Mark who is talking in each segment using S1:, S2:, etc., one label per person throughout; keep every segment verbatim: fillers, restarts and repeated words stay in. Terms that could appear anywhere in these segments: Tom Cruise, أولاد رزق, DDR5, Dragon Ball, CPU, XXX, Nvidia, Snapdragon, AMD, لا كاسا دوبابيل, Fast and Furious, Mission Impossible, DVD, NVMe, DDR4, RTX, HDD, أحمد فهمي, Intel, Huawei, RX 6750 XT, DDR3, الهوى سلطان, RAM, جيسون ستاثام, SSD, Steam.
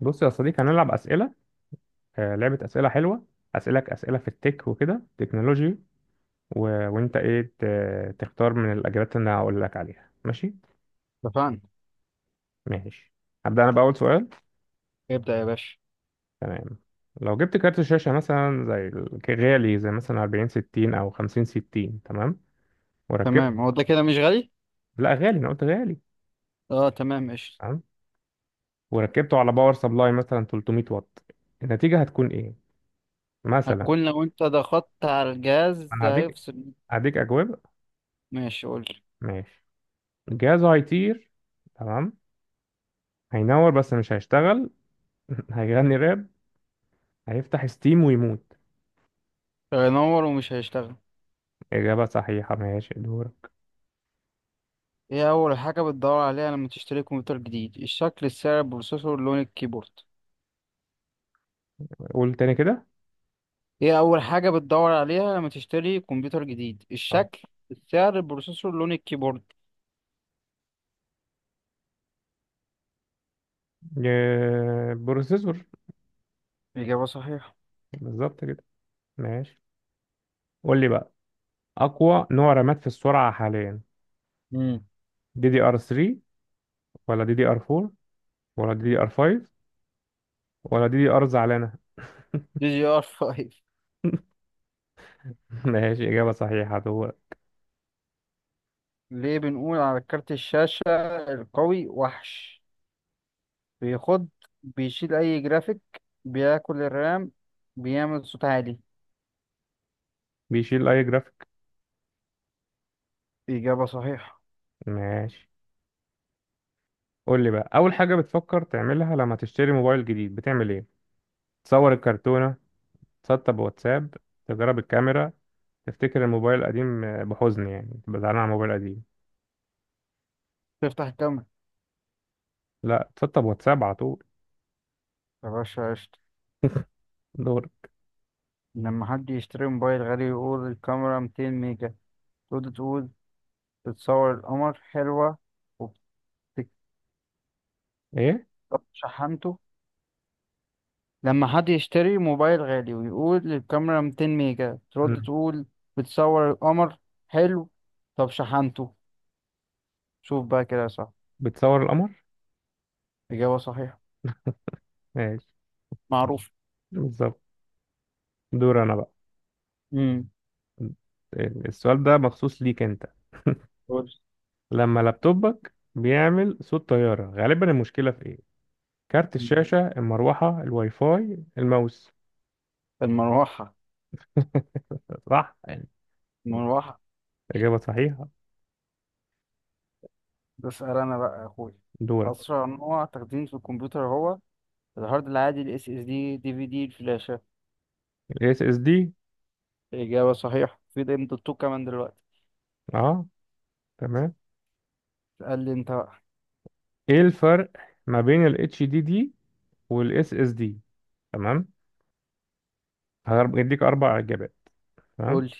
S1: بص يا صديقي هنلعب أسئلة. آه، لعبة أسئلة حلوة. أسألك أسئلة في التك وكده تكنولوجي و... وأنت إيه ت... تختار من الإجابات اللي أنا هقول لك عليها ماشي؟
S2: اتفقنا.
S1: ماشي، هبدأ أنا بأول سؤال.
S2: ابدأ يا باشا.
S1: تمام، لو جبت كارت شاشة مثلا زي ال- غالي، زي مثلا أربعين ستين أو خمسين ستين، تمام وركبت.
S2: تمام، هو ده كده مش غالي.
S1: لا غالي، أنا قلت غالي.
S2: اه تمام قشطة.
S1: تمام، وركبته على باور سبلاي مثلا تلتمية واط، النتيجة هتكون إيه؟ مثلا
S2: هتكون لو انت ضغطت على الجهاز
S1: أنا
S2: ده
S1: هديك،
S2: هيفصل.
S1: هديك أجوبة.
S2: ماشي قول.
S1: ماشي، الجهاز هيطير، تمام، هينور بس مش هيشتغل، هيغني راب، هيفتح ستيم ويموت.
S2: هينور ومش هيشتغل.
S1: إجابة صحيحة، ماشي دورك.
S2: ايه اول حاجة بتدور عليها لما تشتري كمبيوتر جديد؟ الشكل، السعر، البروسيسور، لون الكيبورد؟
S1: قول تاني كده.
S2: ايه اول حاجة بتدور عليها لما تشتري كمبيوتر جديد؟
S1: اه.
S2: الشكل، السعر، البروسيسور، لون الكيبورد؟
S1: ج- بروسيسور.
S2: إجابة صحيحة.
S1: بالظبط كده. ماشي، قول لي بقى أقوى نوع رامات في السرعة حاليا؟
S2: امم
S1: دي دي ار تلاتة، ولا دي دي ار أربعة، ولا دي دي ار خمسة، ولا دي دي ار زعلانة.
S2: دي جي ار خمسة.
S1: ماشي، إجابة صحيحة دورك.
S2: ليه بنقول على كارت الشاشة القوي وحش؟ بيخض، بيشيل أي جرافيك، بياكل الرام، بيعمل صوت عالي.
S1: بيشيل أي جرافيك.
S2: إجابة صحيحة.
S1: ماشي، قول لي بقى، أول حاجة بتفكر تعملها لما تشتري موبايل جديد بتعمل إيه؟ تصور الكرتونة، تسطب واتساب، تجرب الكاميرا، تفتكر الموبايل القديم بحزن، يعني تبقى زعلان على الموبايل القديم.
S2: تفتح الكاميرا.
S1: لا، تسطب واتساب على طول.
S2: يا باشا قشطة.
S1: دور.
S2: لما حد يشتري موبايل غالي يقول الكاميرا مئتين ميجا تقول تقول بتصور القمر حلوة. وبتكتب
S1: ايه.
S2: شحنته. لما حد يشتري موبايل غالي ويقول الكاميرا مئتين ميجا ترد
S1: مم.
S2: تقول بتصور القمر حلو، طب شحنته. شوف بقى كده صح.
S1: بتصور القمر.
S2: إجابة صحيحة.
S1: ماشي،
S2: معروف.
S1: بالظبط. دور انا بقى.
S2: امم
S1: السؤال ده مخصوص ليك انت، لما لابتوبك بيعمل صوت طيارة غالبا المشكلة في ايه؟ كارت الشاشة، المروحة، الواي فاي، الماوس.
S2: المروحة.
S1: صح يعني.
S2: مروحة.
S1: إجابة صحيحة.
S2: ده اسأل أنا بقى يا أخوي.
S1: دورك.
S2: أسرع نوع تخزين في الكمبيوتر هو الهارد العادي، ال اس اس دي، دي في دي، الفلاشة.
S1: ال اس اس دي.
S2: إجابة صحيحة، في ده الدكتور كمان دلوقتي.
S1: اه، تمام.
S2: اسأل لي أنت بقى.
S1: ايه الفرق ما بين ال اتش دي دي وال اس اس دي؟ تمام، هديك اربع اجابات. تمام،
S2: قول لي.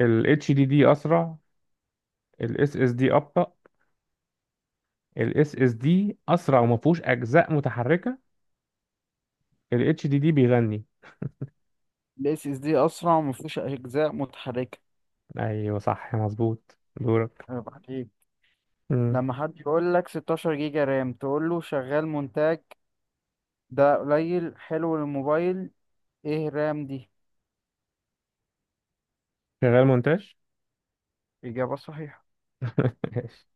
S1: ال اتش دي دي اسرع، الاس اس اس دي ابطا، الاس اس اس دي اسرع وما فيهوش اجزاء متحركه، الاتش دي دي بيغني.
S2: ال اس اس دي أسرع ومفيهوش أجزاء متحركة.
S1: ايوه صح مظبوط، دورك.
S2: عيب عليك.
S1: مم.
S2: لما حد يقول لك ستاشر جيجا رام تقول له شغال مونتاج، ده قليل، حلو للموبايل، إيه رام دي.
S1: شغال مونتاج.
S2: إجابة صحيحة.
S1: ماشي.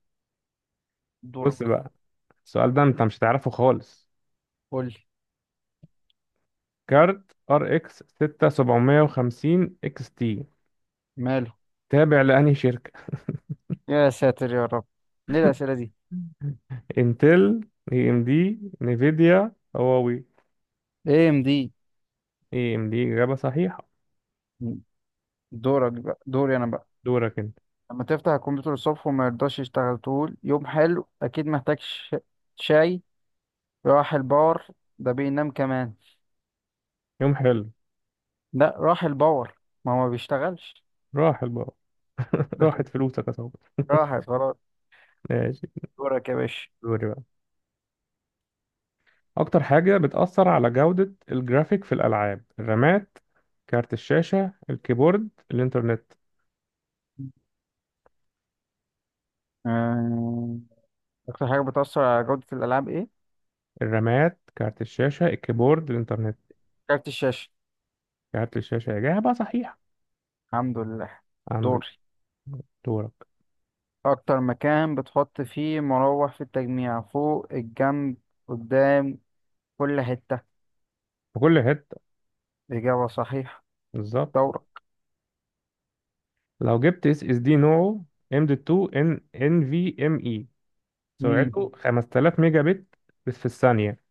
S2: دورك.
S1: بص بقى، السؤال ده انت مش هتعرفه خالص.
S2: قول لي.
S1: كارت ار اكس ستة سبعة خمسة صفر اكس تي
S2: ماله؟
S1: تابع لانهي شركه؟
S2: يا ساتر يا رب، ليه الأسئلة دي؟
S1: انتل، اي ام دي، نيفيديا، هواوي.
S2: ايه ام دي.
S1: اي ام دي، اجابه صحيحه.
S2: دورك بقى، دوري انا بقى.
S1: دورك انت.
S2: لما تفتح الكمبيوتر الصبح وما يرضاش يشتغل تقول يوم حلو، اكيد محتاج ش... شاي، راح الباور، ده بينام كمان.
S1: يوم حلو.
S2: لا راح الباور، ما هو ما بيشتغلش.
S1: راحل بقى. راحت فلوسك يا صاحبي.
S2: راحت خلاص.
S1: ماشي.
S2: دورك يا باشا.
S1: دوري بقى، اكتر حاجة بتأثر على جودة الجرافيك في الالعاب؟ الرامات، كارت الشاشة، الكيبورد، الانترنت.
S2: آه، اكتر حاجة بتأثر على جودة الالعاب ايه؟
S1: الرامات، كارت الشاشة، الكيبورد، الانترنت.
S2: كارت الشاشة.
S1: كارت الشاشة. إجابة صحيحة.
S2: الحمد لله.
S1: عندك.
S2: دوري.
S1: دورك.
S2: اكتر مكان بتحط فيه مروح في التجميع؟ فوق، الجنب، قدام، كل حتة.
S1: في كل حتة.
S2: إجابة صحيحة.
S1: بالظبط.
S2: دورك.
S1: لو جبت اس اس دي نوعه ام دي اتنين ان ان في ام اي، سرعته خمس آلاف ميجا بت بس في الثانية،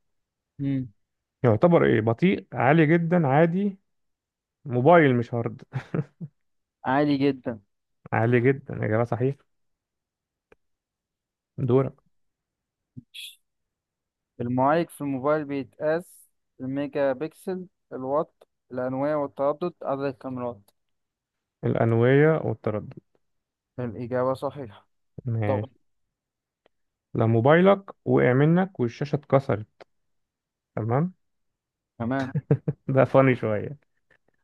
S1: يعتبر ايه؟ بطيء، عالي جدا، عادي، موبايل مش هارد.
S2: عالي جدا.
S1: عالي جدا، إجابة صحيحة. دورك.
S2: المعالج في الموبايل بيتقاس الميجا بكسل، الوات، الأنوية والتردد، عدد الكاميرات.
S1: الأنوية والتردد.
S2: الإجابة صحيحة. طب.
S1: ماشي. لو موبايلك وقع منك والشاشة اتكسرت، تمام،
S2: تمام.
S1: ده فاني شوية،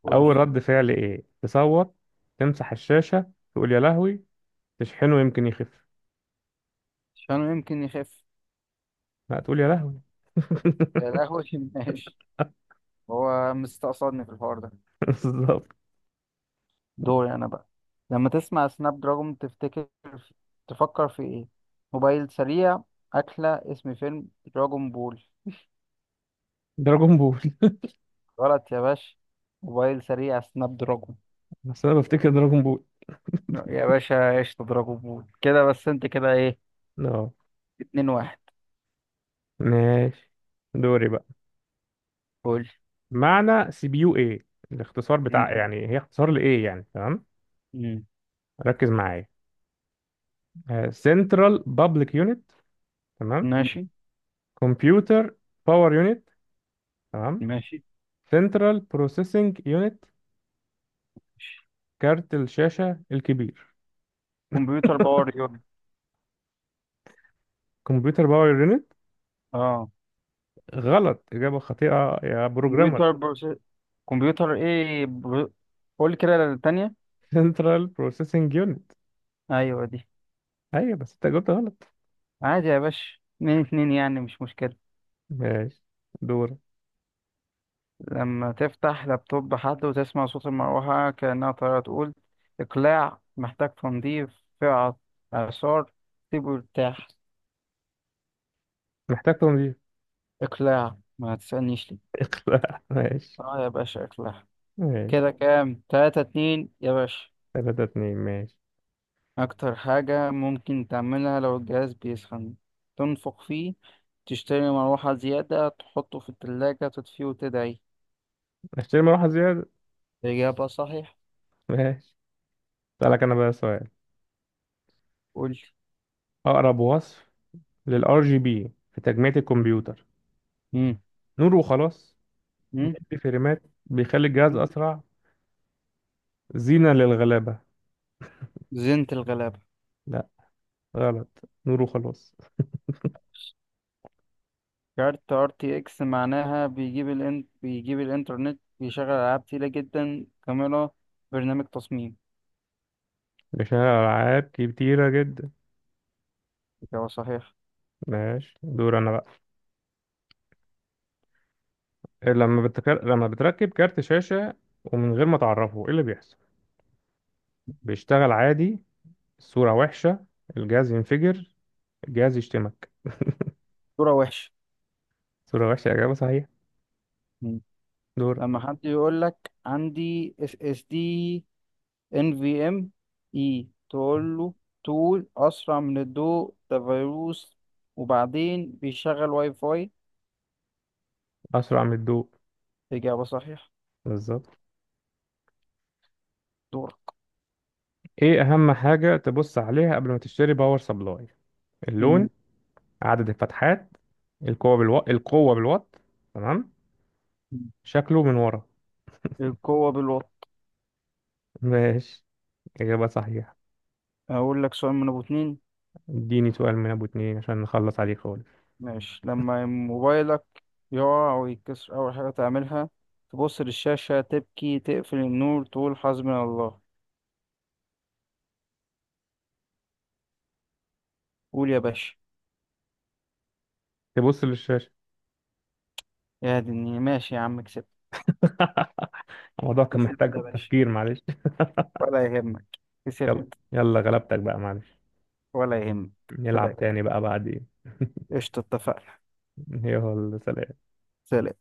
S2: قول
S1: أول
S2: لي.
S1: رد فعل إيه؟ تصوت، تمسح الشاشة، تقول يا لهوي، تشحنه يمكن يخف.
S2: عشان يمكن يخف.
S1: لا، تقول يا لهوي.
S2: يا القهوة ماشي. هو مستقصدني في الحوار ده.
S1: بالظبط.
S2: دوري أنا بقى. لما تسمع سناب دراجون تفتكر، تفكر في إيه؟ موبايل سريع، أكلة، اسم فيلم، دراجون بول.
S1: دراجون بول.
S2: غلط يا باشا، موبايل سريع سناب دراجون.
S1: بس أنا بفتكر دراجون بول.
S2: يا باشا ايش تضربه بول كده؟ بس انت كده ايه.
S1: اه،
S2: اتنين واحد.
S1: ماشي. دوري بقى.
S2: قول.
S1: معنى سي بي يو إيه؟ الاختصار
S2: مم.
S1: بتاع يعني، هي اختصار لإيه يعني، تمام؟
S2: مم.
S1: ركز معايا. سنترال بابليك يونت، تمام،
S2: ماشي.
S1: كمبيوتر باور يونت، تمام،
S2: ماشي.
S1: سنترال بروسيسنج يونت،
S2: ماشي.
S1: كارت الشاشة الكبير.
S2: كمبيوتر باور يونت.
S1: كمبيوتر باور يونت.
S2: اه.
S1: غلط، إجابة خاطئة يا بروجرامر.
S2: كمبيوتر بروس... كمبيوتر ايه برو... قول كده التانية.
S1: سنترال بروسيسنج يونت.
S2: ايوه دي.
S1: أيوة، بس أنت جاوبت غلط.
S2: عادي يا باشا، اتنين اتنين يعني مش مشكلة.
S1: ماشي، دور.
S2: لما تفتح لابتوب حد وتسمع صوت المروحة كأنها طيارة تقول إقلاع، محتاج تنظيف، فئة، إعصار، سيبه يرتاح.
S1: محتاج تنظيف.
S2: إقلاع، ما تسألنيش ليه.
S1: اخلع ماشي.
S2: اه يا باشا إقلاع.
S1: ماشي.
S2: كده كام؟ تلاتة اتنين يا باشا.
S1: تلاتة اتنين ماشي.
S2: أكتر حاجة ممكن تعملها لو الجهاز بيسخن؟ تنفخ فيه، تشتري مروحة زيادة، تحطه في التلاجة، تطفيه وتدعي.
S1: اشتري مروحة زيادة.
S2: إجابة صحيح.
S1: ماشي. أسألك أنا بقى سؤال.
S2: قول.
S1: أقرب وصف للآر جي بي في تجميع الكمبيوتر؟
S2: مم.
S1: نور وخلاص،
S2: مم.
S1: بيدي فريمات، بيخلي الجهاز
S2: مم.
S1: أسرع، زينة للغلابة.
S2: زينة الغلابة.
S1: لا، غلط. نور وخلاص.
S2: كارت ار تي اكس معناها بيجيب الان... بيجيب الانترنت، بيشغل العاب تقيلة جدا، كاميرا، برنامج تصميم.
S1: ده فيها ألعاب كتيرة جدا.
S2: إجابة صحيح.
S1: ماشي، دور أنا بقى. لما بتكر... لما بتركب كارت شاشة ومن غير ما تعرفه، إيه اللي بيحصل؟ بيشتغل عادي، الصورة وحشة، الجهاز ينفجر، الجهاز يشتمك.
S2: صورة وحشة.
S1: صورة وحشة إجابة صحيحة.
S2: مم.
S1: دور.
S2: لما حد يقول لك عندي اس اس دي ان في ام اي تقول له تول اسرع من الضوء، ده فيروس، وبعدين بيشغل واي فاي.
S1: أسرع من الضوء.
S2: اجابه صحيحه.
S1: بالظبط.
S2: دورك.
S1: إيه أهم حاجة تبص عليها قبل ما تشتري باور سبلاي؟ اللون،
S2: مم.
S1: عدد الفتحات، القوة بالو... القوة بالوات، تمام، شكله من ورا.
S2: القوه بالوات.
S1: ماشي، إجابة صحيحة.
S2: هقول لك سؤال من ابو اتنين.
S1: اديني سؤال من أبو اتنين عشان نخلص عليه خالص.
S2: ماشي. لما موبايلك يقع او يتكسر اول حاجه تعملها؟ تبص للشاشه، تبكي، تقفل النور، تقول حسبنا الله. قول يا باشا.
S1: تبص للشاشة.
S2: يا دنيا ماشي يا عم، كسبت.
S1: الموضوع كان
S2: كسبت
S1: محتاج
S2: يا باشا.
S1: تفكير، معلش.
S2: ولا يهمك. كسبت.
S1: يلا غلبتك بقى، معلش.
S2: ولا يهمك.
S1: نلعب
S2: فداك.
S1: تاني بقى بعدين.
S2: قشطة اتفقنا.
S1: يلا، سلام.
S2: سلام.